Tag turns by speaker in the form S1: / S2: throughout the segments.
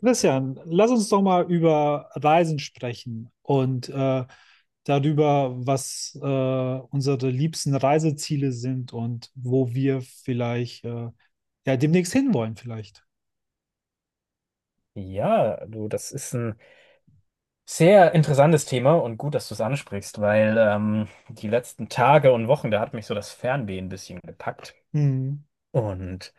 S1: Christian, lass uns doch mal über Reisen sprechen und darüber, was unsere liebsten Reiseziele sind und wo wir vielleicht ja demnächst hinwollen vielleicht.
S2: Ja, du, das ist ein sehr interessantes Thema und gut, dass du es ansprichst, weil die letzten Tage und Wochen, da hat mich so das Fernweh ein bisschen gepackt.
S1: Hm,
S2: Und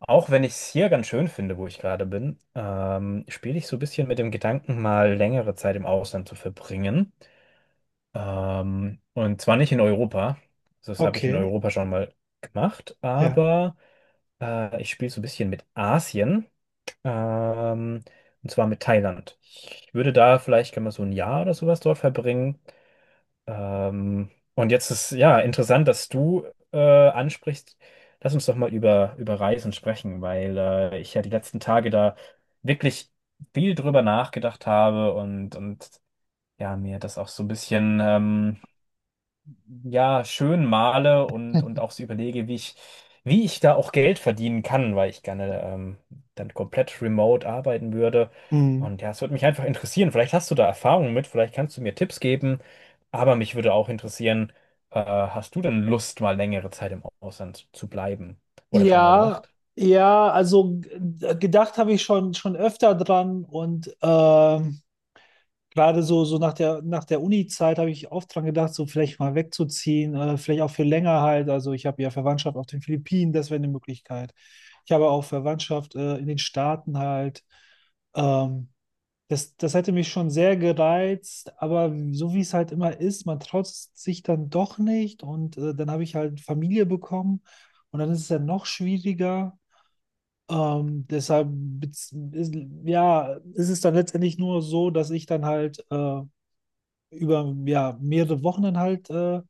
S2: auch wenn ich es hier ganz schön finde, wo ich gerade bin, spiele ich so ein bisschen mit dem Gedanken, mal längere Zeit im Ausland zu verbringen. Und zwar nicht in Europa. Also das habe ich in
S1: okay,
S2: Europa schon mal gemacht,
S1: ja.
S2: aber ich spiele so ein bisschen mit Asien. Ähm, und zwar mit Thailand. Ich würde da vielleicht gerne mal so ein Jahr oder sowas dort verbringen. Und jetzt ist ja interessant, dass du äh, ansprichst. Lass uns doch mal über Reisen sprechen, weil ich ja die letzten Tage da wirklich viel drüber nachgedacht habe und ja, mir das auch so ein bisschen ja, schön male und auch so überlege, wie ich da auch Geld verdienen kann, weil ich gerne dann komplett remote arbeiten würde.
S1: Hm.
S2: Und ja, es würde mich einfach interessieren. Vielleicht hast du da Erfahrungen mit, vielleicht kannst du mir Tipps geben, aber mich würde auch interessieren, hast du denn Lust, mal längere Zeit im Ausland zu bleiben? Oder schon mal
S1: Ja,
S2: gemacht?
S1: ja, also g- gedacht habe ich schon öfter dran und gerade so, nach der Uni-Zeit habe ich oft dran gedacht, so vielleicht mal wegzuziehen, vielleicht auch für länger halt. Also ich habe ja Verwandtschaft auf den Philippinen, das wäre eine Möglichkeit. Ich habe auch Verwandtschaft in den Staaten halt. Ähm, das hätte mich schon sehr gereizt, aber so wie es halt immer ist, man traut sich dann doch nicht und dann habe ich halt Familie bekommen und dann ist es ja noch schwieriger. Deshalb ja, ist es dann letztendlich nur so, dass ich dann halt über ja, mehrere Wochen dann halt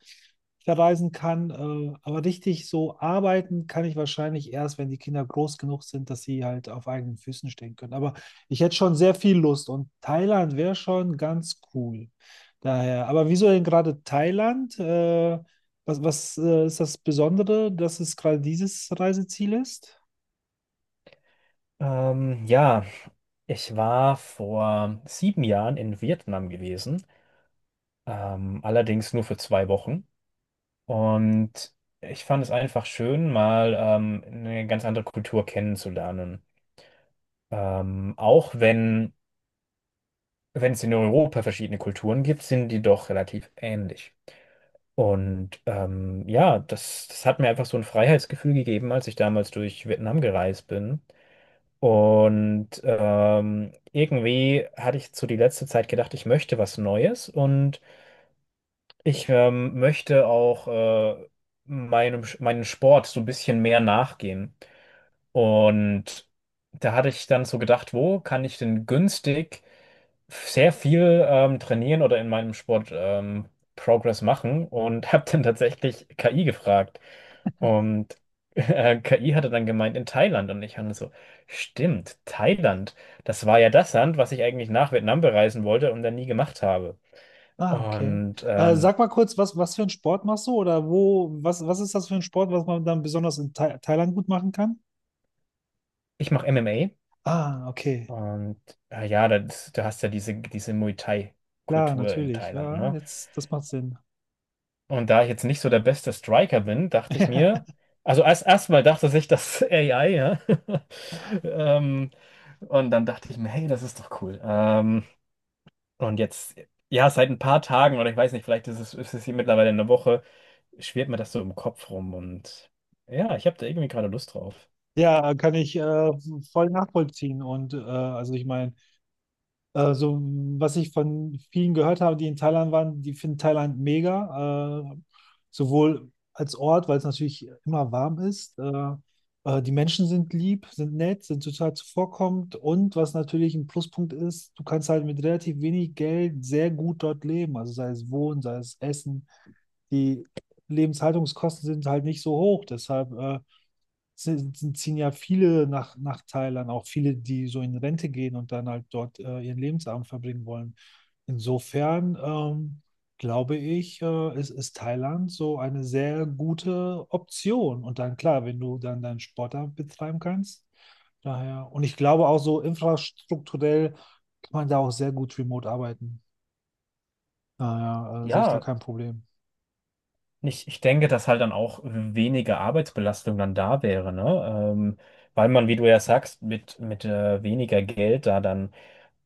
S1: verreisen kann. Aber richtig so arbeiten kann ich wahrscheinlich erst, wenn die Kinder groß genug sind, dass sie halt auf eigenen Füßen stehen können. Aber ich hätte schon sehr viel Lust und Thailand wäre schon ganz cool. Daher, aber wieso denn gerade Thailand? Was ist das Besondere, dass es gerade dieses Reiseziel ist?
S2: Ja, ich war vor 7 Jahren in Vietnam gewesen, allerdings nur für 2 Wochen. Und ich fand es einfach schön, mal eine ganz andere Kultur kennenzulernen. Auch wenn, wenn es in Europa verschiedene Kulturen gibt, sind die doch relativ ähnlich. Und ja, das hat mir einfach so ein Freiheitsgefühl gegeben, als ich damals durch Vietnam gereist bin. Und irgendwie hatte ich zu die letzte Zeit gedacht, ich möchte was Neues und ich möchte auch meinem Sport so ein bisschen mehr nachgehen. Und da hatte ich dann so gedacht, wo kann ich denn günstig sehr viel trainieren oder in meinem Sport Progress machen und habe dann tatsächlich KI gefragt. Und KI hatte dann gemeint in Thailand und ich habe so, stimmt, Thailand, das war ja das Land, was ich eigentlich nach Vietnam bereisen wollte und dann nie gemacht habe.
S1: Ah, okay.
S2: Und
S1: Sag mal kurz, was für einen Sport machst du oder wo, was ist das für ein Sport, was man dann besonders in Thailand gut machen kann?
S2: ich mache
S1: Ah,
S2: MMA
S1: okay.
S2: und ja, das, du hast ja diese Muay
S1: Klar,
S2: Thai-Kultur in
S1: natürlich.
S2: Thailand,
S1: Ja,
S2: ne?
S1: jetzt, das macht Sinn.
S2: Und da ich jetzt nicht so der beste Striker bin, dachte ich mir, also erstmal dachte sich das AI, ja. ähm, und dann dachte ich mir, hey, das ist doch cool. Und jetzt, ja, seit ein paar Tagen oder ich weiß nicht, vielleicht ist es hier mittlerweile eine Woche, schwirrt mir das so im Kopf rum und ja, ich habe da irgendwie gerade Lust drauf.
S1: Ja, kann ich voll nachvollziehen. Und also ich meine, so was ich von vielen gehört habe, die in Thailand waren, die finden Thailand mega. Sowohl als Ort, weil es natürlich immer warm ist. Die Menschen sind lieb, sind nett, sind total zuvorkommend. Und was natürlich ein Pluspunkt ist, du kannst halt mit relativ wenig Geld sehr gut dort leben. Also sei es Wohnen, sei es Essen. Die Lebenshaltungskosten sind halt nicht so hoch. Deshalb ziehen ja viele nach Thailand, auch viele, die so in Rente gehen und dann halt dort ihren Lebensabend verbringen wollen. Insofern glaube ich, ist Thailand so eine sehr gute Option. Und dann klar, wenn du dann deinen Sport da betreiben kannst. Daher, und ich glaube auch so infrastrukturell kann man da auch sehr gut remote arbeiten. Daher sehe ich da
S2: Ja,
S1: kein Problem.
S2: ich denke, dass halt dann auch weniger Arbeitsbelastung dann da wäre, ne? Weil man, wie du ja sagst, mit weniger Geld da dann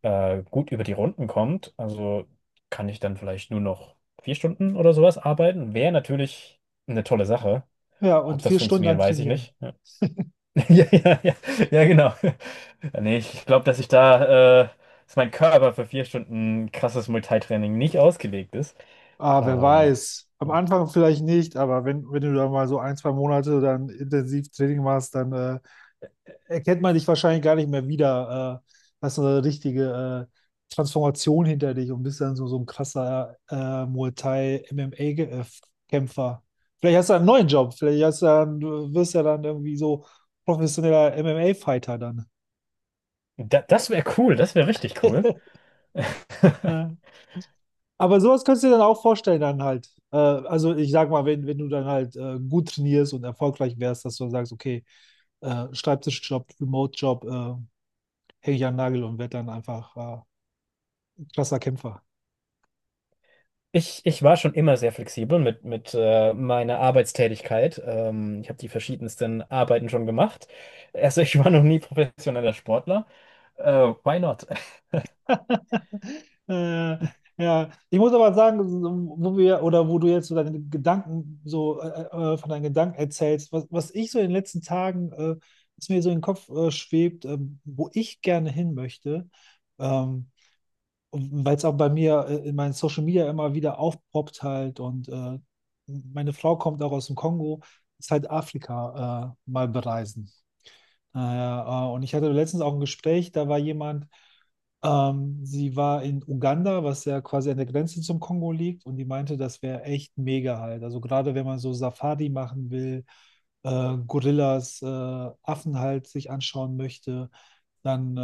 S2: gut über die Runden kommt, also kann ich dann vielleicht nur noch 4 Stunden oder sowas arbeiten. Wäre natürlich eine tolle Sache.
S1: Ja,
S2: Ob
S1: und
S2: das
S1: vier Stunden
S2: funktioniert,
S1: dann
S2: weiß ich
S1: trainieren.
S2: nicht. Ja, ja, ja, ja, ja, genau. Nee, ich glaube, dass ich da, dass mein Körper für 4 Stunden krasses Multitraining nicht ausgelegt ist.
S1: Ah, wer
S2: Ähm,
S1: weiß. Am
S2: ja.
S1: Anfang vielleicht nicht, aber wenn du da mal so ein, zwei Monate dann intensiv Training machst, dann erkennt man dich wahrscheinlich gar nicht mehr wieder. Hast so eine richtige Transformation hinter dich und bist dann so, so ein krasser Muay Thai-MMA-Kämpfer. Vielleicht hast du einen neuen Job, vielleicht hast du dann, du wirst ja dann irgendwie so professioneller MMA-Fighter dann.
S2: Da, das wäre cool, das wäre richtig cool.
S1: Aber sowas kannst du dir dann auch vorstellen, dann halt. Also ich sag mal, wenn du dann halt gut trainierst und erfolgreich wärst, dass du dann sagst, okay, Schreibtischjob, Remote-Job, hänge ich an den Nagel und werde dann einfach krasser Kämpfer.
S2: Ich war schon immer sehr flexibel mit meiner Arbeitstätigkeit. Ich habe die verschiedensten Arbeiten schon gemacht. Also ich war noch nie professioneller Sportler. Äh, why not?
S1: Äh, ja, ich muss aber sagen, so, wo wir oder wo du jetzt so deine Gedanken so von deinen Gedanken erzählst, was ich so in den letzten Tagen, was mir so in den Kopf schwebt, wo ich gerne hin möchte. Ähm, Weil es auch bei mir in meinen Social Media immer wieder aufpoppt halt und meine Frau kommt auch aus dem Kongo, ist halt Afrika mal bereisen. Ah ja, und ich hatte letztens auch ein Gespräch, da war jemand, sie war in Uganda, was ja quasi an der Grenze zum Kongo liegt, und die meinte, das wäre echt mega halt. Also gerade wenn man so Safari machen will, Gorillas, Affen halt sich anschauen möchte, dann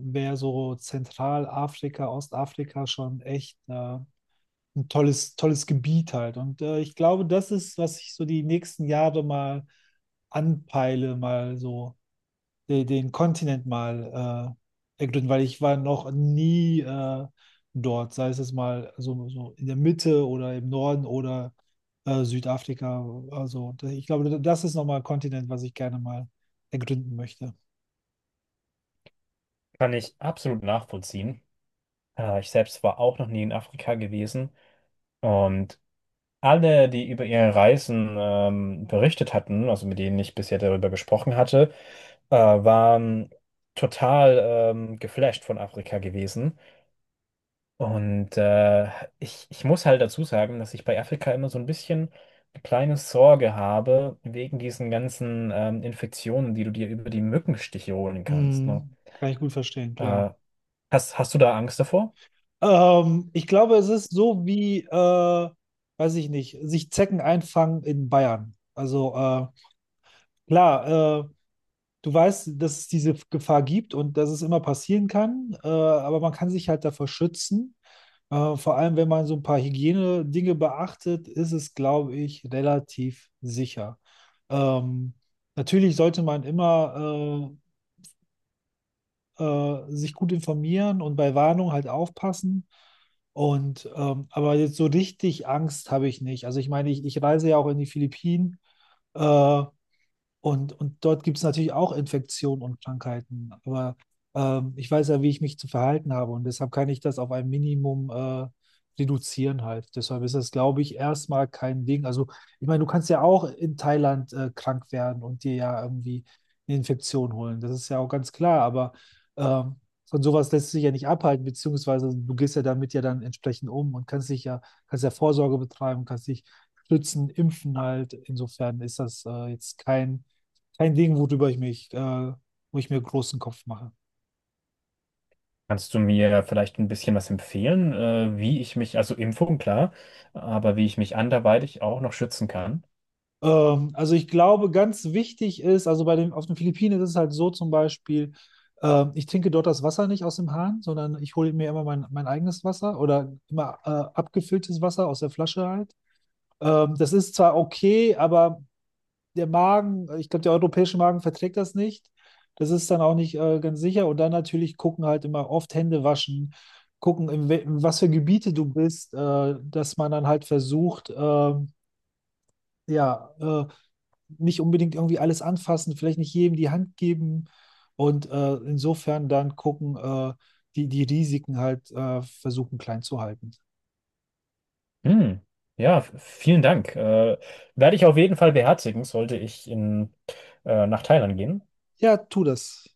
S1: wäre so Zentralafrika, Ostafrika schon echt ein tolles, tolles Gebiet halt. Und ich glaube, das ist, was ich so die nächsten Jahre mal anpeile, mal so den Kontinent mal ergründen, weil ich war noch nie dort, sei es jetzt mal so, so in der Mitte oder im Norden oder Südafrika. Also ich glaube, das ist nochmal ein Kontinent, was ich gerne mal ergründen möchte.
S2: Kann ich absolut nachvollziehen. Ich selbst war auch noch nie in Afrika gewesen. Und alle, die über ihre Reisen berichtet hatten, also mit denen ich bisher darüber gesprochen hatte, waren total geflasht von Afrika gewesen. Und ich muss halt dazu sagen, dass ich bei Afrika immer so ein bisschen eine kleine Sorge habe, wegen diesen ganzen Infektionen, die du dir über die Mückenstiche holen kannst. Ne?
S1: Hm, kann ich gut verstehen, klar.
S2: Äh, hast du da Angst davor?
S1: Ich glaube, es ist so wie, weiß ich nicht, sich Zecken einfangen in Bayern. Also klar, du weißt, dass es diese Gefahr gibt und dass es immer passieren kann, aber man kann sich halt davor schützen. Vor allem, wenn man so ein paar Hygienedinge beachtet, ist es, glaube ich, relativ sicher. Ähm, Natürlich sollte man immer sich gut informieren und bei Warnung halt aufpassen. Und aber jetzt so richtig Angst habe ich nicht. Also ich meine, ich reise ja auch in die Philippinen. Äh, und dort gibt es natürlich auch Infektionen und Krankheiten. Aber ich weiß ja, wie ich mich zu verhalten habe. Und deshalb kann ich das auf ein Minimum reduzieren halt. Deshalb ist das, glaube ich, erstmal kein Ding. Also, ich meine, du kannst ja auch in Thailand krank werden und dir ja irgendwie eine Infektion holen. Das ist ja auch ganz klar. Aber ähm, von sowas lässt sich ja nicht abhalten, beziehungsweise du gehst ja damit ja dann entsprechend um und kannst dich ja, kannst ja Vorsorge betreiben, kannst dich schützen, impfen halt. Insofern ist das jetzt kein Ding, worüber ich mich, wo ich mir großen Kopf mache.
S2: Kannst du mir vielleicht ein bisschen was empfehlen, wie ich mich, also Impfung, klar, aber wie ich mich anderweitig auch noch schützen kann?
S1: Also ich glaube, ganz wichtig ist, also bei dem, auf den Philippinen ist es halt so zum Beispiel, ich trinke dort das Wasser nicht aus dem Hahn, sondern ich hole mir immer mein eigenes Wasser oder immer abgefülltes Wasser aus der Flasche halt. Das ist zwar okay, aber der Magen, ich glaube, der europäische Magen verträgt das nicht. Das ist dann auch nicht ganz sicher. Und dann natürlich gucken halt immer oft Hände waschen, gucken, in was für Gebiete du bist, dass man dann halt versucht, ja, nicht unbedingt irgendwie alles anfassen, vielleicht nicht jedem die Hand geben und insofern dann gucken, die Risiken halt versuchen klein zu halten.
S2: Hm. Ja, vielen Dank. Werde ich auf jeden Fall beherzigen, sollte ich in, nach Thailand gehen.
S1: Ja, tu das.